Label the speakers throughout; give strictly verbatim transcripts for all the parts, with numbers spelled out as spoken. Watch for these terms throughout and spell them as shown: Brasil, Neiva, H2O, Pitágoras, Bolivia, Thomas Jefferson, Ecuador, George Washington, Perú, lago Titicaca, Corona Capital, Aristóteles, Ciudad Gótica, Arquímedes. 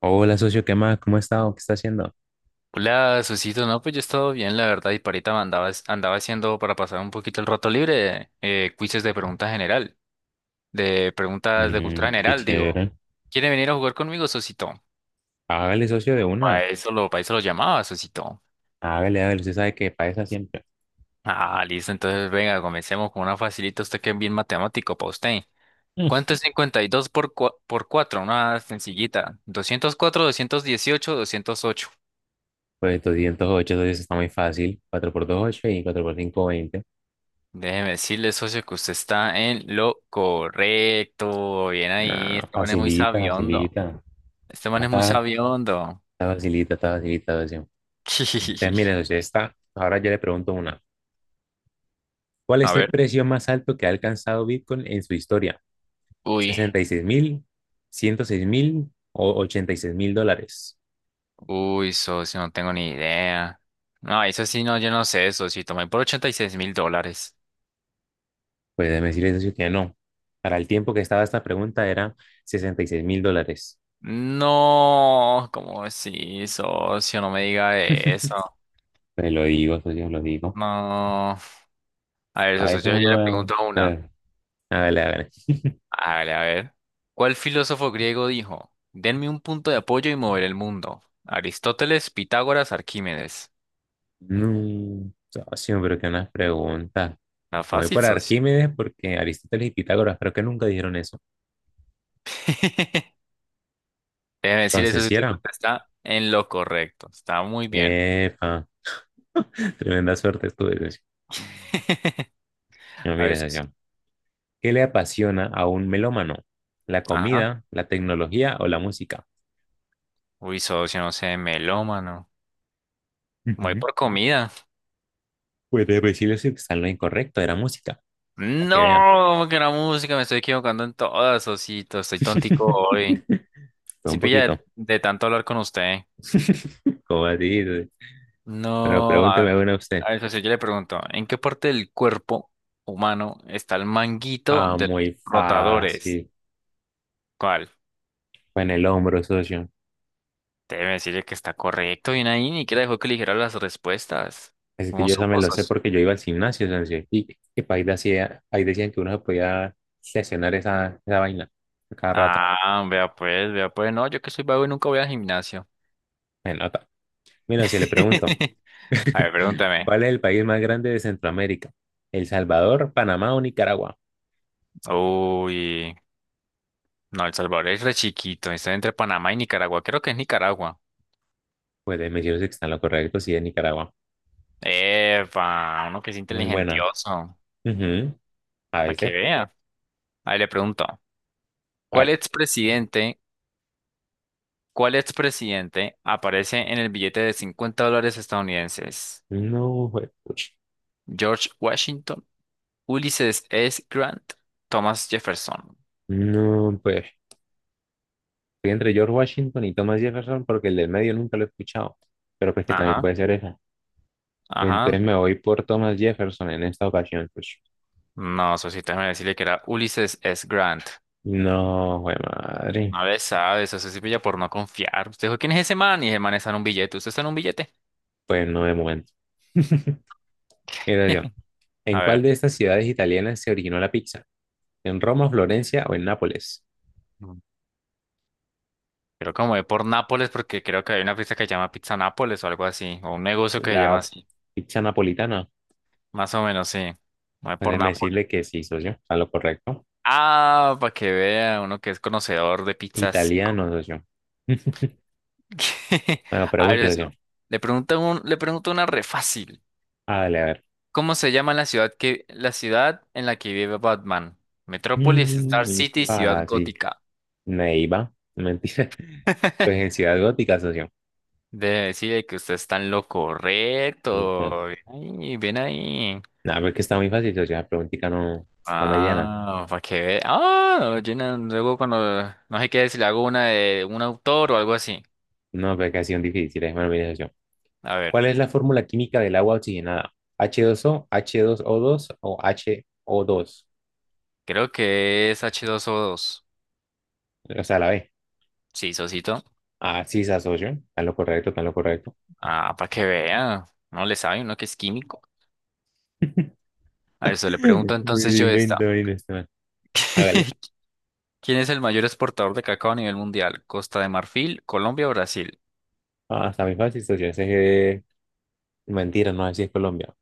Speaker 1: Hola, socio, ¿qué más? ¿Cómo ha estado? ¿Qué está haciendo?
Speaker 2: Hola, Susito, no, pues yo he estado bien, la verdad, y parita me andaba, andaba haciendo para pasar un poquito el rato libre, eh, quizzes de pregunta general, de preguntas de cultura
Speaker 1: Mm, qué
Speaker 2: general, digo.
Speaker 1: chévere.
Speaker 2: ¿Quiere venir a jugar conmigo, Susito?
Speaker 1: Hágale, socio, de una.
Speaker 2: Para eso lo, para eso lo llamaba, Susito.
Speaker 1: Hágale, hágale. Usted sabe que para esa siempre.
Speaker 2: Ah, listo, entonces venga, comencemos con una facilita, usted que es bien matemático para usted.
Speaker 1: Mm.
Speaker 2: ¿Cuánto es cincuenta y dos por, cua- por cuatro? Una sencillita. Doscientos doscientos cuatro, doscientos dieciocho, doscientos ocho.
Speaker 1: Pues doscientos ocho socio, eso está muy fácil. Cuatro por dos ocho y cuatro por cinco veinte.
Speaker 2: Déjeme decirle, socio, que usted está en lo correcto. Bien ahí.
Speaker 1: Nah,
Speaker 2: Este man es muy
Speaker 1: facilita,
Speaker 2: sabiondo.
Speaker 1: facilita.
Speaker 2: Este man
Speaker 1: Ah,
Speaker 2: es
Speaker 1: está,
Speaker 2: muy sabiondo.
Speaker 1: está facilita, está facilita, socio. Entonces, mire, socio, está. Ahora yo le pregunto una. ¿Cuál
Speaker 2: A
Speaker 1: es el
Speaker 2: ver.
Speaker 1: precio más alto que ha alcanzado Bitcoin en su historia?
Speaker 2: Uy,
Speaker 1: ¿Sesenta y seis mil, ciento seis mil o ochenta y seis mil dólares?
Speaker 2: uy, socio, no tengo ni idea. No, eso sí, no, yo no sé, socio. Tomé por ochenta y seis mil dólares.
Speaker 1: Pues déjeme decirle, socio, que no. Para el tiempo que estaba esta pregunta era seis mil dólares.
Speaker 2: No, ¿cómo así, socio? No me diga eso.
Speaker 1: Pues lo digo, socio, lo digo.
Speaker 2: No. A ver,
Speaker 1: A
Speaker 2: socio,
Speaker 1: veces
Speaker 2: yo, yo le
Speaker 1: uno...
Speaker 2: pregunto una.
Speaker 1: eh, Hágale, hágale.
Speaker 2: Hágale, a ver. ¿Cuál filósofo griego dijo? Denme un punto de apoyo y moveré el mundo. Aristóteles, Pitágoras, Arquímedes.
Speaker 1: No, socio, pero que unas preguntas.
Speaker 2: Está
Speaker 1: Me voy
Speaker 2: fácil,
Speaker 1: por
Speaker 2: socio.
Speaker 1: Arquímedes porque Aristóteles y Pitágoras creo que nunca dijeron eso.
Speaker 2: Debe decir eso
Speaker 1: Entonces,
Speaker 2: si
Speaker 1: ¿si
Speaker 2: te
Speaker 1: era?
Speaker 2: contesta en lo correcto. Está muy bien.
Speaker 1: Epa, tremenda suerte estuve, socio. No,
Speaker 2: A ver,
Speaker 1: mire,
Speaker 2: socio.
Speaker 1: socio. ¿Qué le apasiona a un melómano? ¿La
Speaker 2: Ajá.
Speaker 1: comida, la tecnología o la música?
Speaker 2: Uy, socio, no sé, melómano. Voy
Speaker 1: Ujú.
Speaker 2: por comida.
Speaker 1: Pues de principio sí está en lo incorrecto, era música, para que vean.
Speaker 2: No, que la música, me estoy equivocando en todas, socito. Estoy tontico hoy.
Speaker 1: Fue
Speaker 2: Si
Speaker 1: un
Speaker 2: pilla
Speaker 1: poquito,
Speaker 2: de, de tanto hablar con usted.
Speaker 1: como así. Pero
Speaker 2: No,
Speaker 1: pregúnteme
Speaker 2: a,
Speaker 1: una usted.
Speaker 2: a ver, socio, yo le pregunto, ¿en qué parte del cuerpo humano está el manguito
Speaker 1: Ah,
Speaker 2: de los
Speaker 1: muy
Speaker 2: rotadores?
Speaker 1: fácil.
Speaker 2: ¿Cuál?
Speaker 1: Fue en el hombro, socio.
Speaker 2: Debe decirle que está correcto, bien ahí, ni que dejó que eligiera las respuestas.
Speaker 1: Así que
Speaker 2: ¿Cómo
Speaker 1: yo esa me
Speaker 2: supo,
Speaker 1: lo sé
Speaker 2: socio?
Speaker 1: porque yo iba al gimnasio, socio. Y, y pa' ahí, decía, ahí decían que uno se podía sesionar esa, esa vaina a cada rato.
Speaker 2: Ah, vea pues, vea pues, no, yo que soy vago y nunca voy al gimnasio.
Speaker 1: Me nota. Mira, si le pregunto,
Speaker 2: A ver, pregúntame.
Speaker 1: ¿cuál es el país más grande de Centroamérica? ¿El Salvador, Panamá o Nicaragua?
Speaker 2: Uy, no, El Salvador es re chiquito, está entre Panamá y Nicaragua, creo que es Nicaragua.
Speaker 1: Pues me dijeron que está en lo correcto, sí, es Nicaragua.
Speaker 2: Epa, uno que es
Speaker 1: Muy buena.
Speaker 2: inteligentioso,
Speaker 1: Ujú. A
Speaker 2: para que
Speaker 1: veces.
Speaker 2: vea. Ahí le pregunto,
Speaker 1: A
Speaker 2: ¿cuál
Speaker 1: ver.
Speaker 2: expresidente, cuál expresidente aparece en el billete de cincuenta dólares estadounidenses?
Speaker 1: No, pues, pucha.
Speaker 2: George Washington, Ulysses S. Grant, Thomas Jefferson.
Speaker 1: No, pues. Estoy entre George Washington y Thomas Jefferson porque el del medio nunca lo he escuchado. Pero pues que también
Speaker 2: Ajá,
Speaker 1: puede ser esa.
Speaker 2: ajá.
Speaker 1: Entonces me voy por Thomas Jefferson en esta ocasión, pues.
Speaker 2: No, Sosito, déjame decirle que era Ulysses S. Grant.
Speaker 1: No, güey, madre.
Speaker 2: A ver, sabes, eso se pilla por no confiar. Usted dijo, ¿quién es ese man? Y ese man está en un billete. ¿Usted está en un billete?
Speaker 1: Pues no de momento. Mira, yo. ¿En
Speaker 2: A
Speaker 1: cuál
Speaker 2: ver,
Speaker 1: de estas ciudades italianas se originó la pizza? ¿En Roma, Florencia o en Nápoles?
Speaker 2: mm, creo que me voy por Nápoles porque creo que hay una pizza que se llama Pizza Nápoles o algo así, o un negocio que se
Speaker 1: La
Speaker 2: llama así.
Speaker 1: pizza napolitana.
Speaker 2: Más o menos, sí. Voy
Speaker 1: Pues
Speaker 2: por
Speaker 1: déjeme
Speaker 2: Nápoles.
Speaker 1: decirle que sí, socio. A lo correcto.
Speaker 2: Ah, para que vea uno que es conocedor de pizzas. Y
Speaker 1: Italiano,
Speaker 2: co-
Speaker 1: socio. Bueno,
Speaker 2: A ver
Speaker 1: pregunta.
Speaker 2: eso. Le pregunto un, le pregunto una re fácil.
Speaker 1: Ah, dale, a ver.
Speaker 2: ¿Cómo se llama la ciudad que, la ciudad en la que vive Batman? Metrópolis,
Speaker 1: Mm,
Speaker 2: Star
Speaker 1: muy
Speaker 2: City, Ciudad
Speaker 1: fácil.
Speaker 2: Gótica.
Speaker 1: Neiva. Mentira. Pues en Ciudad Gótica, socio.
Speaker 2: Debe decir que usted está en lo
Speaker 1: eh,
Speaker 2: correcto. Ven ahí, ven ahí.
Speaker 1: Nada, pero es que está muy fácil, socio. La preguntita no, no me llena.
Speaker 2: Ah, para que vea. Ah, llena, luego cuando no sé qué si le hago una de un autor o algo así.
Speaker 1: No, pero es que ha sido difícil. Bueno, mire, socio.
Speaker 2: A ver.
Speaker 1: ¿Cuál es la fórmula química del agua oxigenada? ¿H dos O, dos o h dos o dos o H O dos?
Speaker 2: Creo que es h dos o dos,
Speaker 1: O sea, la B.
Speaker 2: sí, Sosito.
Speaker 1: Ah, sí, esa socio. Está en lo correcto, está en lo correcto.
Speaker 2: Ah, para que vea. No le sabe uno que es químico. A eso le pregunto entonces
Speaker 1: Me
Speaker 2: yo esta.
Speaker 1: invento ahí no está mal. Hágale.
Speaker 2: ¿Quién es el mayor exportador de cacao a nivel mundial? ¿Costa de Marfil, Colombia o Brasil?
Speaker 1: Ah, está muy fácil, socio. Ese es... eh, mentira, no, así es Colombia.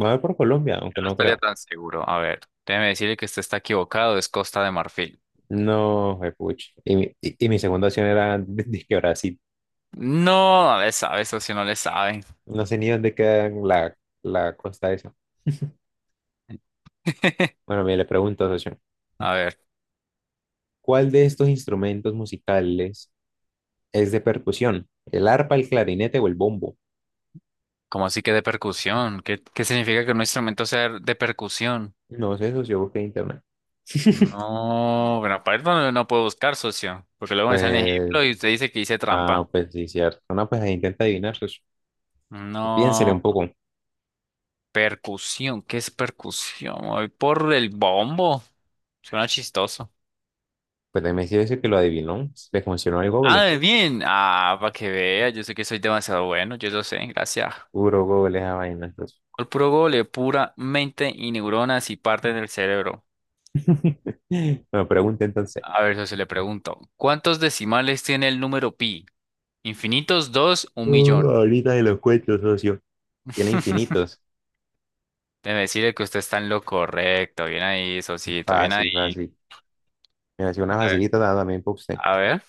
Speaker 1: Va a ver por Colombia,
Speaker 2: Yo
Speaker 1: aunque
Speaker 2: no
Speaker 1: no
Speaker 2: estaría
Speaker 1: creo.
Speaker 2: tan seguro. A ver, déjeme decirle que usted está equivocado. Es Costa de Marfil.
Speaker 1: No, pucha. Y, mi- y, y mi segunda opción era ¿de de que Brasil.
Speaker 2: No, no le sabe, socio, no le sabe.
Speaker 1: No sé ni dónde queda la, la costa esa. Bueno, mire, le pregunto, socio,
Speaker 2: A ver,
Speaker 1: ¿cuál de estos instrumentos musicales es de percusión? ¿El arpa, el clarinete o el bombo?
Speaker 2: ¿cómo así que de percusión? ¿Qué, qué significa que un instrumento sea de percusión?
Speaker 1: No sé, socio, busqué en internet.
Speaker 2: No, bueno, para eso no, no puedo buscar, socio, porque luego me sale
Speaker 1: Pues,
Speaker 2: ejemplo y usted dice que hice
Speaker 1: ah,
Speaker 2: trampa.
Speaker 1: pues sí, cierto. No, pues ahí intenta adivinar, socio. Piénsele
Speaker 2: No,
Speaker 1: un poco.
Speaker 2: percusión, ¿qué es percusión? Voy por el bombo, suena chistoso.
Speaker 1: Pues me dice que lo adivinó. Le funcionó el Google.
Speaker 2: Ah, bien, ah, para que vea, yo sé que soy demasiado bueno, yo lo sé, gracias.
Speaker 1: Puro Google esa vaina, socio.
Speaker 2: El puro gole, pura mente y neuronas y partes del cerebro.
Speaker 1: Bueno, pregunta entonces.
Speaker 2: A ver, socio, le pregunto, ¿cuántos decimales tiene el número pi? ¿Infinitos, dos, un
Speaker 1: Uh,
Speaker 2: millón?
Speaker 1: ahorita se los cuento, socio. Tiene infinitos.
Speaker 2: De decirle que usted está en lo correcto. Bien ahí, Sosito, bien
Speaker 1: Fácil,
Speaker 2: ahí.
Speaker 1: fácil. Me hacía
Speaker 2: A
Speaker 1: una
Speaker 2: ver,
Speaker 1: facilita también para usted.
Speaker 2: a ver.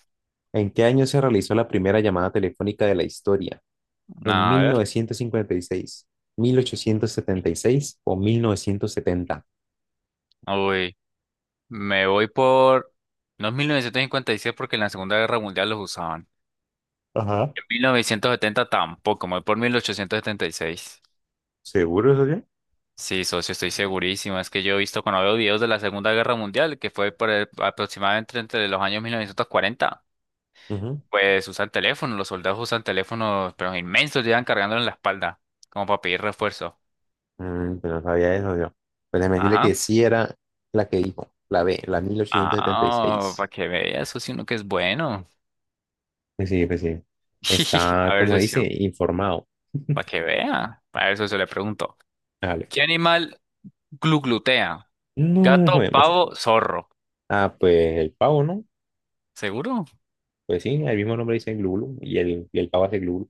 Speaker 1: ¿En qué año se realizó la primera llamada telefónica de la historia?
Speaker 2: No,
Speaker 1: ¿En
Speaker 2: a ver.
Speaker 1: mil novecientos cincuenta y seis, mil ochocientos setenta y seis o mil novecientos setenta?
Speaker 2: Uy, me voy por... No es mil novecientos cincuenta y seis porque en la Segunda Guerra Mundial los usaban.
Speaker 1: Ajá.
Speaker 2: En mil novecientos setenta tampoco, me voy por mil ochocientos setenta y seis,
Speaker 1: ¿Seguro, socio?
Speaker 2: sí, socio, estoy segurísimo. Es que yo he visto cuando veo videos de la Segunda Guerra Mundial, que fue por el- aproximadamente entre los años mil novecientos cuarenta,
Speaker 1: Ujú.
Speaker 2: pues usan teléfonos, los soldados usan teléfonos, pero inmensos, llevan cargándolo en la espalda, como para pedir refuerzo.
Speaker 1: Mm, pero no sabía eso, yo. Pues déjeme decirle que
Speaker 2: Ajá.
Speaker 1: sí era la que dijo, la B, la
Speaker 2: Ah, para
Speaker 1: mil ochocientos setenta y seis.
Speaker 2: que vea, socio, uno que es bueno.
Speaker 1: Pues sí, pues sí. Está,
Speaker 2: A ver,
Speaker 1: como dice,
Speaker 2: socio,
Speaker 1: informado.
Speaker 2: para que vea. A ver, socio, le pregunto.
Speaker 1: Dale.
Speaker 2: ¿Qué animal gluglutea?
Speaker 1: No.
Speaker 2: Gato, pavo, zorro.
Speaker 1: Ah, pues el pavo, ¿no?
Speaker 2: ¿Seguro?
Speaker 1: Pues sí, el mismo nombre dice glulu y el, y el pavo hace glulu,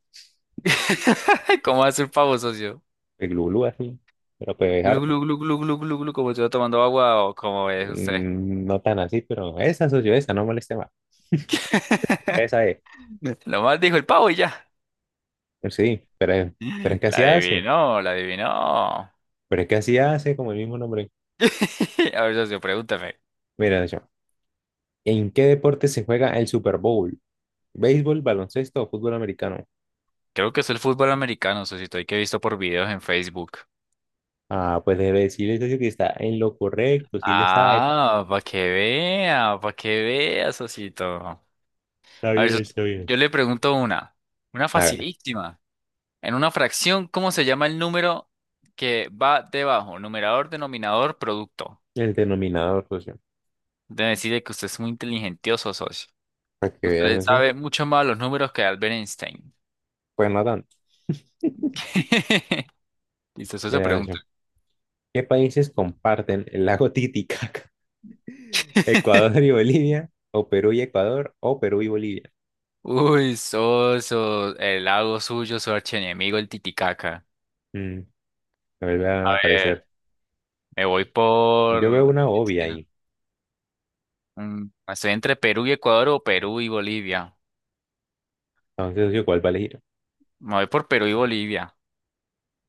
Speaker 2: ¿Cómo hace el pavo, socio?
Speaker 1: el glulu así, pero pues es
Speaker 2: Glu,
Speaker 1: harto.
Speaker 2: glu, glu, glu, glu, glu, glu, como yo tomando agua o como es usted.
Speaker 1: Mm, no tan así, pero esa socio, esa, no moleste más. Esa es,
Speaker 2: Nomás dijo el pavo y ya.
Speaker 1: pues sí, pero, es- pero es que
Speaker 2: La
Speaker 1: así hace,
Speaker 2: adivinó, la adivinó.
Speaker 1: pero es que así hace como el mismo nombre.
Speaker 2: A ver, socio, pregúntame.
Speaker 1: Mira, socio, ¿en qué deporte se juega el Super Bowl? ¿Béisbol, baloncesto o fútbol americano?
Speaker 2: Creo que es el fútbol americano, socio, y que he visto por videos en Facebook.
Speaker 1: Ah, pues debe decirle, socio, que está en lo correcto, sí le sabe.
Speaker 2: Ah, para que vea, para que vea, socito.
Speaker 1: Está
Speaker 2: A ver,
Speaker 1: bien, está
Speaker 2: soci-
Speaker 1: bien.
Speaker 2: yo le pregunto una, una
Speaker 1: Hágale.
Speaker 2: facilísima. En una fracción, ¿cómo se llama el número que va debajo? Numerador, denominador, producto.
Speaker 1: El denominador, socio,
Speaker 2: Debe decirle que usted es muy inteligentioso, socio.
Speaker 1: para que veas,
Speaker 2: Usted
Speaker 1: socio,
Speaker 2: sabe mucho más los números que Albert Einstein.
Speaker 1: pues no tanto.
Speaker 2: Listo, socio,
Speaker 1: Mira,
Speaker 2: pregunta.
Speaker 1: socio. ¿Qué países comparten el lago Titicaca? ¿Ecuador y Bolivia? ¿O Perú y Ecuador? ¿O Perú y Bolivia?
Speaker 2: Uy, socio, el lago suyo, su archienemigo, el Titicaca.
Speaker 1: Mm, me vuelve
Speaker 2: A
Speaker 1: a parecer.
Speaker 2: ver, me voy
Speaker 1: Yo veo
Speaker 2: por...
Speaker 1: una obvia ahí.
Speaker 2: Mm, estoy entre Perú y Ecuador o Perú y Bolivia.
Speaker 1: Entonces, yo, ¿cuál va a elegir?
Speaker 2: Me voy por Perú y Bolivia.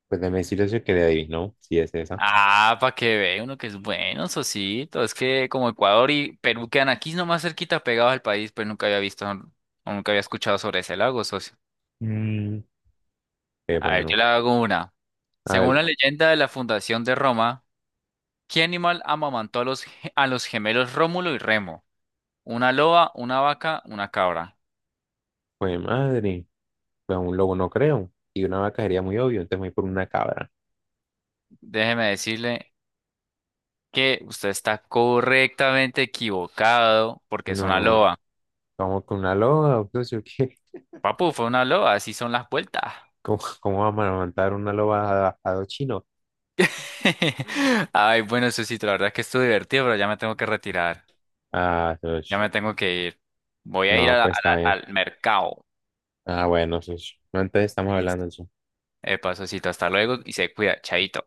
Speaker 1: Pues déjame decirle eso que le adivinó, si es esa.
Speaker 2: Ah, para que vea uno que es bueno, Sosito. Es que como Ecuador y Perú quedan aquí nomás cerquita pegados al país, pero nunca había visto o nunca había escuchado sobre ese lago, socio.
Speaker 1: Mm, qué
Speaker 2: A ver, yo
Speaker 1: bueno.
Speaker 2: le hago una. Según
Speaker 1: Hágale.
Speaker 2: la leyenda de la fundación de Roma, ¿qué animal amamantó a los, ge- a los gemelos Rómulo y Remo? ¿Una loba, una vaca, una cabra?
Speaker 1: Pues madre, pues un lobo no creo. Y una vaca sería muy obvio, entonces me voy por una cabra.
Speaker 2: Déjeme decirle que usted está correctamente equivocado porque es una mm.
Speaker 1: No,
Speaker 2: Loba.
Speaker 1: vamos con una loba, entonces, ¿qué?
Speaker 2: Papu, fue una loba, así son las vueltas.
Speaker 1: ¿Cómo, cómo vamos a montar una loba a, a dos chinos?
Speaker 2: Ay, bueno, Susito, la verdad es que estuvo divertido, pero ya me tengo que retirar.
Speaker 1: Ah,
Speaker 2: Ya
Speaker 1: dos.
Speaker 2: me tengo que ir. Voy a ir a
Speaker 1: No,
Speaker 2: la-
Speaker 1: pues
Speaker 2: a
Speaker 1: está
Speaker 2: la-
Speaker 1: bien.
Speaker 2: al mercado.
Speaker 1: Ah, bueno, sí, sí. No, entonces estamos hablando
Speaker 2: Listo.
Speaker 1: de eso.
Speaker 2: Epa, Susito, hasta luego y se cuida. Chaito.